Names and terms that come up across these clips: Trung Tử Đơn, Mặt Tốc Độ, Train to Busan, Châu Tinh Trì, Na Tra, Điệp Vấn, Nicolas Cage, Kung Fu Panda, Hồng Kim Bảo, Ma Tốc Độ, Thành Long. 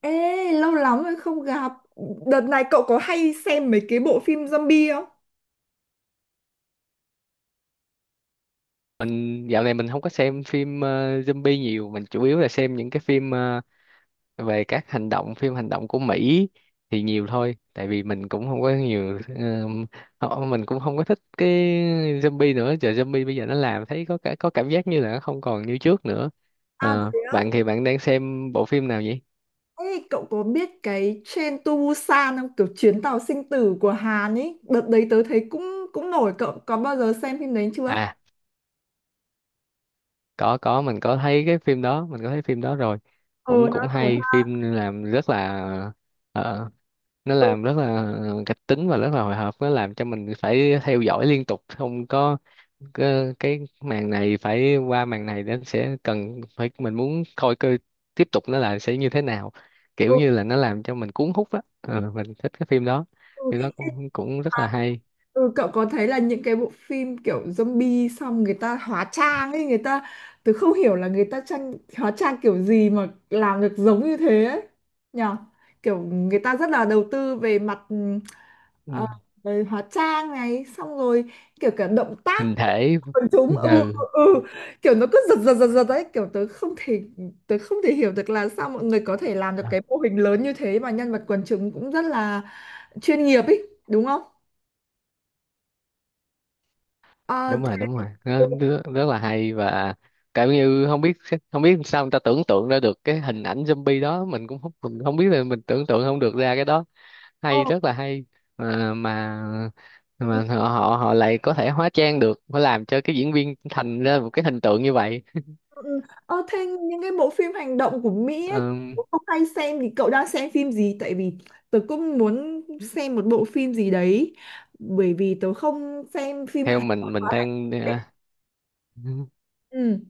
Ê, lâu lắm rồi không gặp. Đợt này cậu có hay xem mấy cái bộ phim zombie không? Mình dạo này không có xem phim zombie nhiều. Mình chủ yếu là xem những cái phim về các hành động, phim hành động của Mỹ thì nhiều thôi, tại vì mình cũng không có nhiều. Mình cũng không có thích cái zombie nữa, giờ zombie bây giờ nó làm thấy có cảm giác như là nó không còn như trước nữa. À thế á? Bạn thì bạn đang xem bộ phim nào vậy? Ê, cậu có biết cái Train to Busan không? Kiểu chuyến tàu sinh tử của Hàn ấy. Đợt đấy tớ thấy cũng cũng nổi. Cậu có bao giờ xem phim đấy chưa? À, có mình có thấy cái phim đó, mình có thấy phim đó rồi. Ờ cũng nó cũng nổi hay, ha. phim làm rất là ờ, nó làm rất là kịch tính và rất là hồi hộp, nó làm cho mình phải theo dõi liên tục. Không có cái màn này phải qua, màn này nó sẽ cần phải, mình muốn coi cơ tiếp tục nó là sẽ như thế nào. Kiểu Ừ, như là nó làm cho mình cuốn hút á. Ừ, mình thích cái phim đó. ừ. Phim đó cũng cũng rất là hay. Ừ, cậu có thấy là những cái bộ phim kiểu zombie xong người ta hóa trang ấy, người ta tớ không hiểu là người ta trang hóa trang kiểu gì mà làm được giống như thế ấy nhở, kiểu người ta rất là đầu tư về mặt Ừ. ờ, về hóa trang này xong rồi kiểu cả động tác Hình của thể. quần chúng, ừ, ừ, ừ, kiểu nó cứ giật giật giật giật đấy, kiểu tớ không thể hiểu được là sao mọi người có thể làm được Ừ, cái mô hình lớn như thế mà nhân vật quần chúng cũng rất là chuyên nghiệp ấy, đúng không? Ờ, đúng rồi, đúng rồi, nó ừ, rất, rất là hay, và cảm như không biết, sao người ta tưởng tượng ra được cái hình ảnh zombie đó. Mình không biết là mình tưởng tượng không được ra cái đó, ờ, hay, rất là hay, mà mà ừ, mà họ họ họ lại có thể hóa trang được, phải làm cho cái diễn viên thành ra một cái hình tượng như vậy. ừ, ừ. Ờ, thế những cái bộ phim hành động của Mỹ ấy, Ừm, cũng không hay xem thì cậu đang xem phim gì? Tại vì tớ cũng muốn xem một bộ phim gì đấy bởi vì tớ không xem phim theo Hàn. mình đang ờ, Ừ.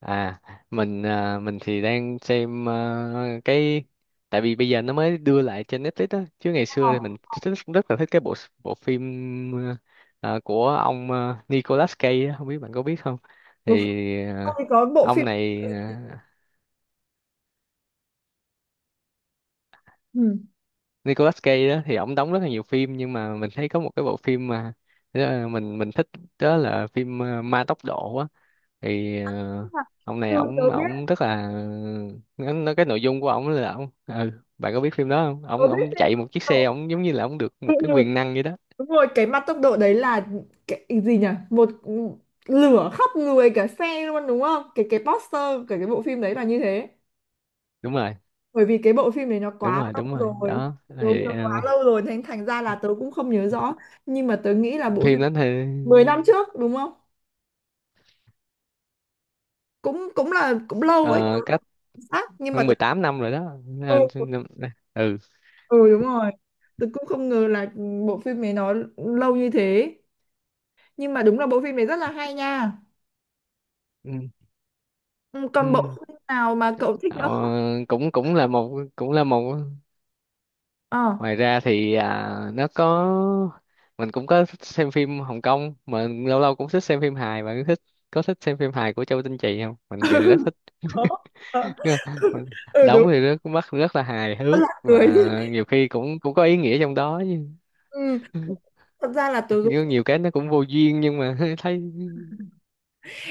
À, à, mình thì đang xem, cái, tại vì bây giờ nó mới đưa lại trên Netflix á, chứ ngày xưa thì Ờ, mình thích, rất là thích cái bộ bộ phim, của ông, Nicolas Cage á, không biết bạn có biết không? tớ không, Thì không à, thì có bộ ông phim. này, Ừ. Nicolas Cage đó thì ông đóng rất là nhiều phim, nhưng mà mình thấy có một cái bộ phim mà mình thích, đó là phim, Ma Tốc Độ á. Thì ông này, Ừ, tớ ổng biết, ổng rất là nó cái nội dung của ổng là ổng, bạn có biết phim đó không? tớ Ổng biết ổng phim chạy Mặt một chiếc Tốc Độ. xe, ổng giống như là ổng được một Ừ, cái ừ. quyền năng vậy đó. Đúng rồi, cái mặt tốc độ đấy là cái gì nhỉ, một lửa khắp người cả xe luôn đúng không, cái cái poster cái bộ phim đấy là như thế. Đúng rồi, Bởi vì cái bộ phim này nó đúng quá rồi, đúng rồi lâu rồi, đó. đúng Thì nó quá lâu rồi thành thành ra là tớ cũng không nhớ rõ, nhưng mà tớ nghĩ là bộ phim phim đó thì 10 năm trước đúng không, cũng cũng là cũng lâu ấy, tớ ờ, không cách chính xác nhưng mà hơn tớ 18 năm rồi đó. Ừ, Ừ. ừ đúng rồi, tớ cũng không ngờ là bộ phim này nó lâu như thế, nhưng mà đúng là bộ phim này rất là hay nha. Ừ. Ừ, còn bộ Ừ. phim nào mà cậu thích Ờ, nữa không? cũng cũng là một Ờ. ngoài ra thì nó có, mình cũng có thích xem phim Hồng Kông, mà lâu lâu cũng thích xem phim hài. Bạn có thích xem phim hài của Châu Tinh Trì không? Mình người rất thích. Có. Ờ. Mình- Ừ đúng, Đóng thì rất mắt, rất là hài rất là hước cười. và nhiều khi cũng cũng có ý nghĩa trong đó chứ. Ừ, thật ra là tớ Nhiều cái nó cũng vô duyên, nhưng mà thấy.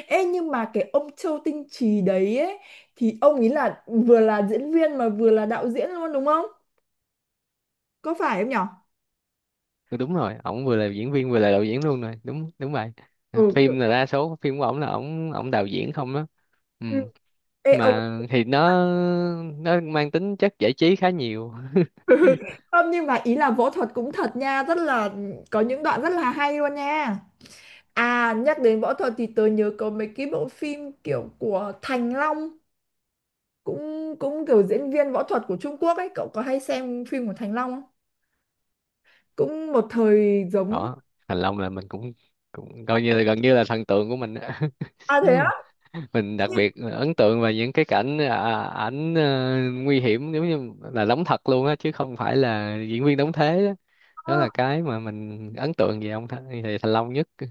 ê, nhưng mà cái ông Châu Tinh Trì đấy ấy, thì ông ấy là vừa là diễn viên mà vừa là đạo diễn luôn đúng không? Có phải không nhở? Ừ, đúng rồi, ổng vừa là diễn viên vừa là đạo diễn luôn rồi, đúng, đúng vậy. Ừ kiểu. Phim là đa số phim của ổng là ổng ổng đạo diễn không đó. Ừ. Ừ. Ê ông. Mà thì nó mang tính chất giải trí khá nhiều. Không, nhưng mà ý là võ thuật cũng thật nha, rất là có những đoạn rất là hay luôn nha. À nhắc đến võ thuật thì tớ nhớ có mấy cái bộ phim kiểu của Thành Long, cũng cũng kiểu diễn viên võ thuật của Trung Quốc ấy, cậu có hay xem phim của Thành Long không? Cũng một thời giống. Đó, Thành Long là mình cũng cũng coi như là gần như là thần tượng của mình á. À thế Mình đặc á? biệt ấn tượng về những cái cảnh, ảnh, nguy hiểm, giống như là đóng thật luôn á, chứ không phải là diễn viên đóng thế đó. Đó là cái mà mình ấn tượng về ông Th về Thành Long nhất, ừ,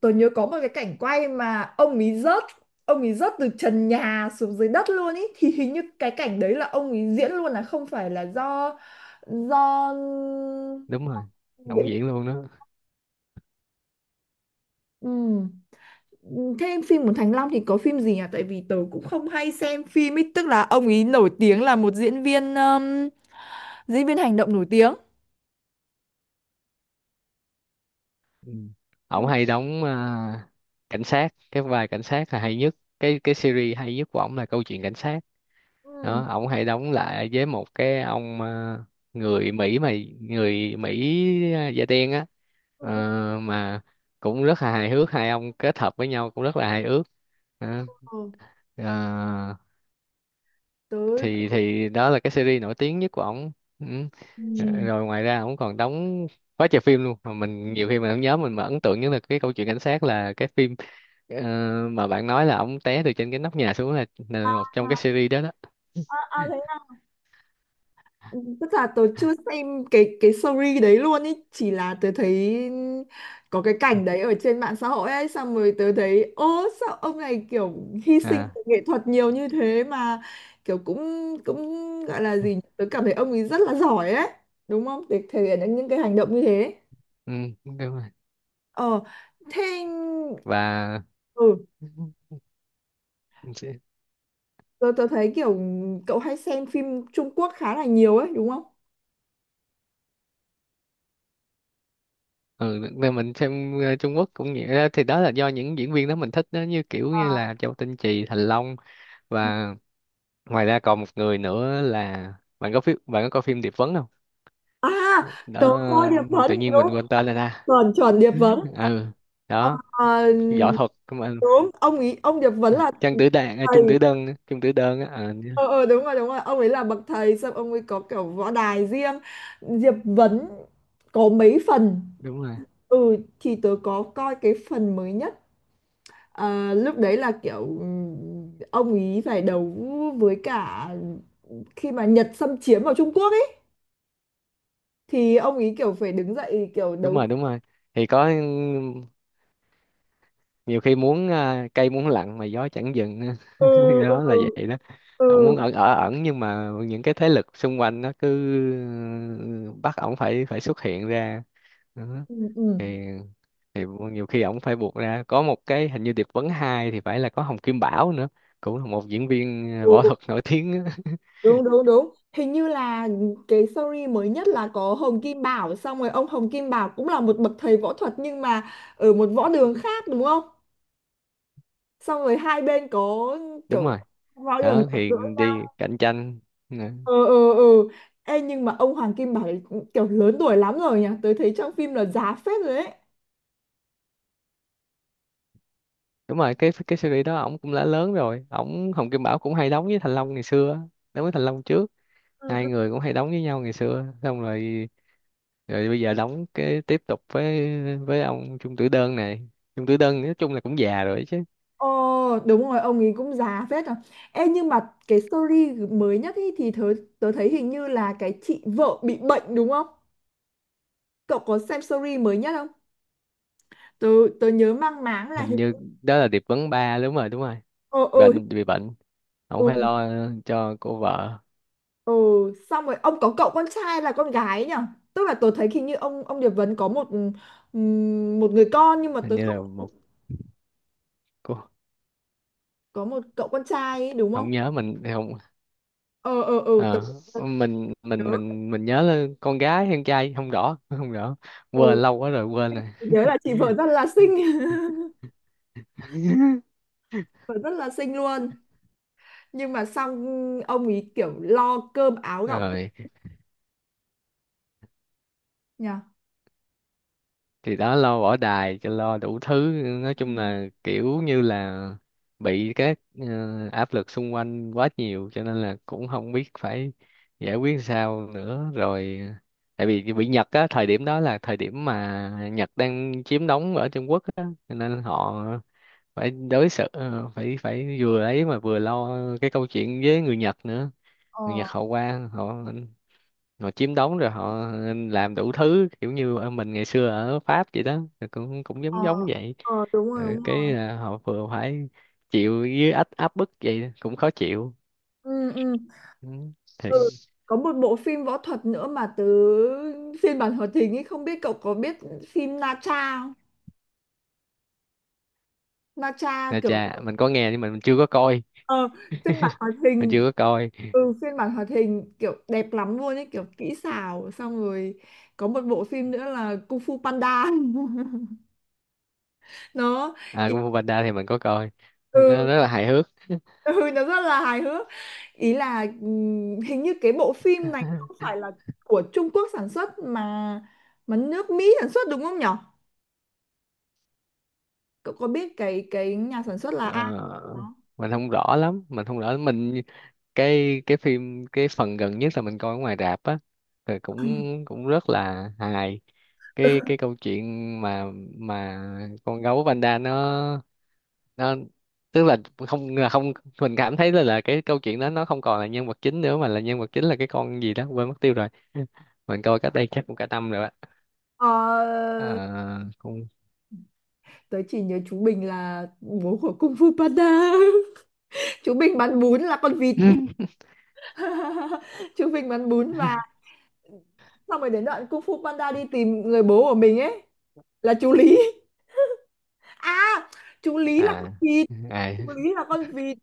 Tôi nhớ có một cái cảnh quay mà ông ấy rớt từ trần nhà xuống dưới đất luôn ý, thì hình như cái cảnh đấy là ông ấy diễn luôn là không phải là do đúng rồi, động diễn. diễn luôn đó. Thế phim của Thành Long thì có phim gì nhỉ? Tại vì tớ cũng không hay xem phim ấy, tức là ông ấy nổi tiếng là một diễn viên hành động nổi tiếng. Ừ. Ổng Ừ. hay đóng, cảnh sát, cái vai cảnh sát là hay nhất. Cái series hay nhất của ổng là câu chuyện cảnh sát, Ừ. đó ông hay đóng lại với một cái ông, người Mỹ mà người Mỹ da đen á. Ừ. Ừ, Mà cũng rất là hài hước, hai ông kết hợp với nhau cũng rất là hài hước. Đó. ừ. Ờ, Tớ thì đó là cái series nổi tiếng nhất của ổng. Ừ. ừ. Rồi ngoài ra ổng còn đóng quá trời phim luôn, mà mình nhiều khi mình không nhớ. Mình mà ấn tượng nhất là cái câu chuyện cảnh sát, là cái phim ờ, mà bạn nói là ổng té từ trên cái nóc nhà xuống là một trong cái À, series đó đó. à, à, thế ừ, tức là tớ chưa xem cái story đấy luôn ý, chỉ là tớ thấy có cái cảnh đấy ở trên mạng xã hội ấy, xong rồi tớ thấy ô sao ông này kiểu hy sinh À, về nghệ thuật nhiều như thế, mà kiểu cũng cũng gọi là ừ, gì nhỉ? Tớ cảm thấy ông ấy rất là giỏi ấy, đúng không? Để thể hiện được những cái hành động như thế. ừ, đúng rồi, Ờ thế và ừ, mình sẽ- tớ thấy kiểu cậu hay xem phim Trung Quốc khá là nhiều ấy đúng không? ừ, nên mình xem Trung Quốc cũng vậy đó. Thì đó là do những diễn viên đó mình thích đó, như kiểu như là Châu Tinh Trì, Thành Long và ngoài ra còn một người nữa là, bạn có coi phim Điệp Vấn không? À tớ Đó, coi Điệp Vấn, tự nhiên mình đúng, quên tên rồi ta. chuẩn chuẩn Điệp Ừ, Vấn. ừ, đó, Ờ, võ thuật mà, đúng ông ý ông Điệp Vấn là Trang Tử Đàn à, thầy. Trung Tử Đơn á. Ờ, Ờ ờ đúng rồi ông ấy là bậc thầy, xong ông ấy có kiểu võ đài riêng, Diệp Vấn có mấy phần. Đúng rồi, Ừ thì tớ có coi cái phần mới nhất. Ờ, lúc đấy là kiểu ông ý phải đấu với cả khi mà Nhật xâm chiếm vào Trung Quốc ấy, thì ông ý kiểu phải đứng dậy kiểu đúng đấu. rồi, đúng rồi. Thì có nhiều khi muốn, cây muốn lặng mà gió chẳng dừng á. Ừ, ừ, Đó là vậy đó. ừ, Ổng muốn ở ẩn, nhưng mà những cái thế lực xung quanh nó cứ, ừ, bắt ổng phải phải xuất hiện ra đó. ừ, ừ, thì thì nhiều khi ổng phải buộc ra, có một cái hình như điệp vấn 2 thì phải là có Hồng Kim Bảo nữa, cũng là một diễn viên võ ừ. thuật nổi tiếng á. Đúng đúng đúng, hình như là cái story mới nhất là có Hồng Kim Bảo, xong rồi ông Hồng Kim Bảo cũng là một bậc thầy võ thuật nhưng mà ở một võ đường khác đúng không, xong rồi hai bên có Đúng kiểu rồi võ đường đó, gặp thì gỡ. đi cạnh tranh Nè. Ừ, ừ, ừ. Ê, nhưng mà ông Hoàng Kim Bảo ấy kiểu lớn tuổi lắm rồi nhỉ, tôi thấy trong phim là già phết rồi đấy. Đúng rồi, cái series đó ổng cũng đã lớn rồi, ổng Hồng Kim Bảo cũng hay đóng với Thành Long ngày xưa á, đóng với Thành Long trước, Ừ, hai ừ. người cũng hay đóng với nhau ngày xưa. Xong rồi, bây giờ đóng cái tiếp tục với, ông Chung Tử Đơn này. Chung Tử Đơn nói chung là cũng già rồi chứ, Ồ đúng rồi, ông ấy cũng già phết rồi. Ê nhưng mà cái story mới nhất ý thì tớ thấy hình như là cái chị vợ bị bệnh đúng không, cậu có xem story mới nhất không, tớ tớ nhớ mang máng là hình hình. như đó là điệp vấn 3, đúng rồi, đúng rồi. Ừ, ừ, Bị bệnh, ông ừ, phải lo cho cô vợ, ừ. Xong rồi ông có cậu con trai là con gái ấy nhở, tức là tớ thấy hình như ông Điệp Vấn có một một người con nhưng mà hình tớ như là không một cô, có một cậu con trai ấy, đúng không? không nhớ, mình không Ờ ờ ờ tớ, ờ, tớ nhớ mình nhớ là con gái hay con trai, không rõ, không rõ, quên ừ, lâu quá rồi, quên rồi. tớ nhớ là chị vợ rất là xinh. Vợ rất là xinh luôn, nhưng mà xong ông ấy kiểu lo cơm áo gạo Rồi nhỉ. thì đó, lo bỏ đài cho, lo đủ thứ, nói Ừ. chung là kiểu như là bị các áp lực xung quanh quá nhiều, cho nên là cũng không biết phải giải quyết sao nữa rồi. Tại vì bị Nhật á, thời điểm đó là thời điểm mà Nhật đang chiếm đóng ở Trung Quốc á, cho nên họ phải đối xử, phải phải vừa ấy mà vừa lo cái câu chuyện với người Nhật nữa. Người Ờ Nhật họ qua, họ họ chiếm đóng rồi họ làm đủ thứ, kiểu như ở mình ngày xưa ở Pháp vậy đó. Rồi cũng cũng giống ờ giống vậy. ờ đúng rồi Rồi đúng rồi cái, họ vừa phải chịu với áp áp bức vậy, cũng khó chịu. Ừ, ừ. Ừ. Thì Ừ. Có một bộ phim võ thuật nữa mà tớ phiên bản hoạt hình ấy không biết cậu có biết phim Na Tra không? Na Tra kiểu chà, mình có nghe nhưng mà ờ, phiên bản hoạt mình hình. chưa có coi. Ừ phiên bản hoạt hình kiểu đẹp lắm luôn ấy, kiểu kỹ xảo, xong rồi có một bộ phim nữa là Kung Fu Panda. Nó À, ý, Kung Fu Panda thì mình có coi, nó ừ, rất là hài hước. ừ nó rất là hài hước, ý là hình như cái bộ phim này không phải là của Trung Quốc sản xuất mà nước Mỹ sản xuất đúng không nhỉ? Cậu có biết cái nhà sản xuất là ai Ờ, không? Mình không rõ lắm. Mình, cái phần gần nhất là mình coi ở ngoài rạp á, thì cũng cũng rất là hài, cái câu chuyện mà, mà con gấu panda nó tức là không mình cảm thấy là cái câu chuyện đó nó không còn là nhân vật chính nữa, mà là nhân vật chính là cái con gì đó, quên mất tiêu rồi. Mình coi cách đây chắc cũng cả năm rồi á. Ờ, Ờ, con. tớ chỉ nhớ chú Bình là bố của Kung Fu Panda. Chú Bình bán bún là con vịt. Chú Bình bán bún và xong rồi đến đoạn Kung Fu Panda đi tìm người bố của mình ấy là chú Lý. À, chú Lý là con à vịt. à Chú Lý là con vịt.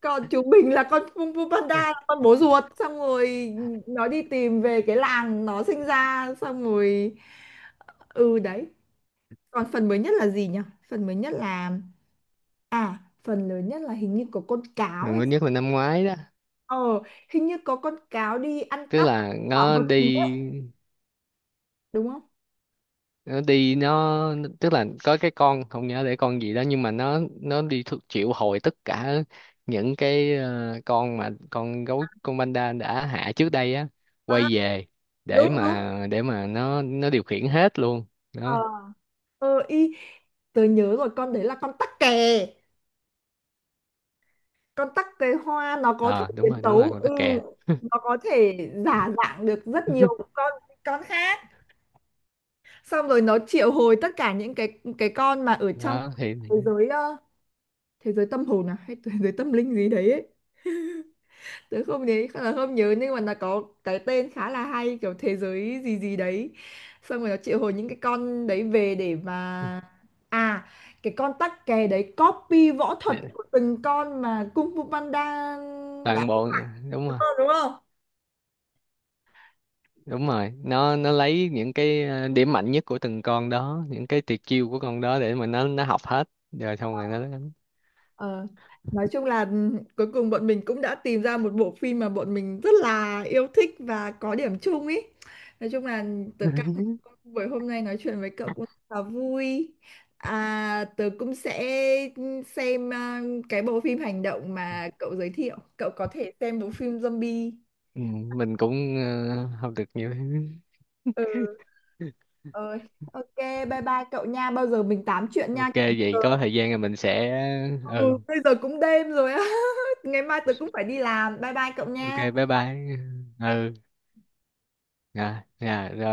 Còn chú Bình là con Kung Fu Panda là con bố ruột. Xong rồi nó đi tìm về cái làng nó sinh ra. Xong rồi... Ừ đấy. Còn phần mới nhất là gì nhỉ? Phần mới nhất là à, phần lớn nhất là hình như có con cáo mình hay mới sao? nhất là năm ngoái đó. Ờ, hình như có con cáo đi ăn Tức cắp là bảo nó vật gì đấy, đi, đúng không? Tức là có cái con, không nhớ để con gì đó, nhưng mà nó đi triệu hồi tất cả những cái con mà con gấu, con panda đã hạ trước đây á, À, quay về để đúng đúng. mà, nó điều khiển hết luôn Ờ, đó. ờ y tớ nhớ rồi, con đấy là con tắc kè. Con tắc kè hoa nó có thể Ờ Đúng biến rồi, đúng rồi, tấu con ừ, tắc kè. nó có thể giả dạng được rất nhiều con con khác. Xong rồi nó triệu hồi tất cả những cái con mà ở trong Đó thì thế giới ờ, thế giới tâm hồn à hay thế giới tâm linh gì đấy ấy. Tớ không nhớ là không nhớ nhưng mà nó có cái tên khá là hay kiểu thế giới gì gì đấy, xong rồi nó triệu hồi những cái con đấy về để mà à cái con tắc kè đấy copy võ thuật của từng con mà Kung Fu Panda đã toàn đúng bộ, đúng rồi, không đúng không? đúng rồi, nó lấy những cái điểm mạnh nhất của từng con đó, những cái tuyệt chiêu của con đó để mà nó học hết rồi, xong rồi nó đánh. Ờ, nói chung là cuối cùng bọn mình cũng đã tìm ra một bộ phim mà bọn mình rất là yêu thích và có điểm chung ý. Nói chung là tớ cảm thấy buổi hôm nay nói chuyện với cậu cũng rất là vui. À, tớ cũng sẽ xem à, cái bộ phim hành động mà cậu giới thiệu. Cậu có thể xem bộ phim zombie. Ừ, mình cũng học được nhiều. Ừ, ơi. Ok, bye bye cậu nha. Bao giờ mình tám chuyện nha. Ok Kiểu, vậy, có thời gian là mình sẽ. ừ, Ừ. bây giờ cũng đêm rồi á. Ngày mai tớ cũng phải đi làm. Bye bye cậu Ok, nha. bye bye. Ừ, rồi, rồi.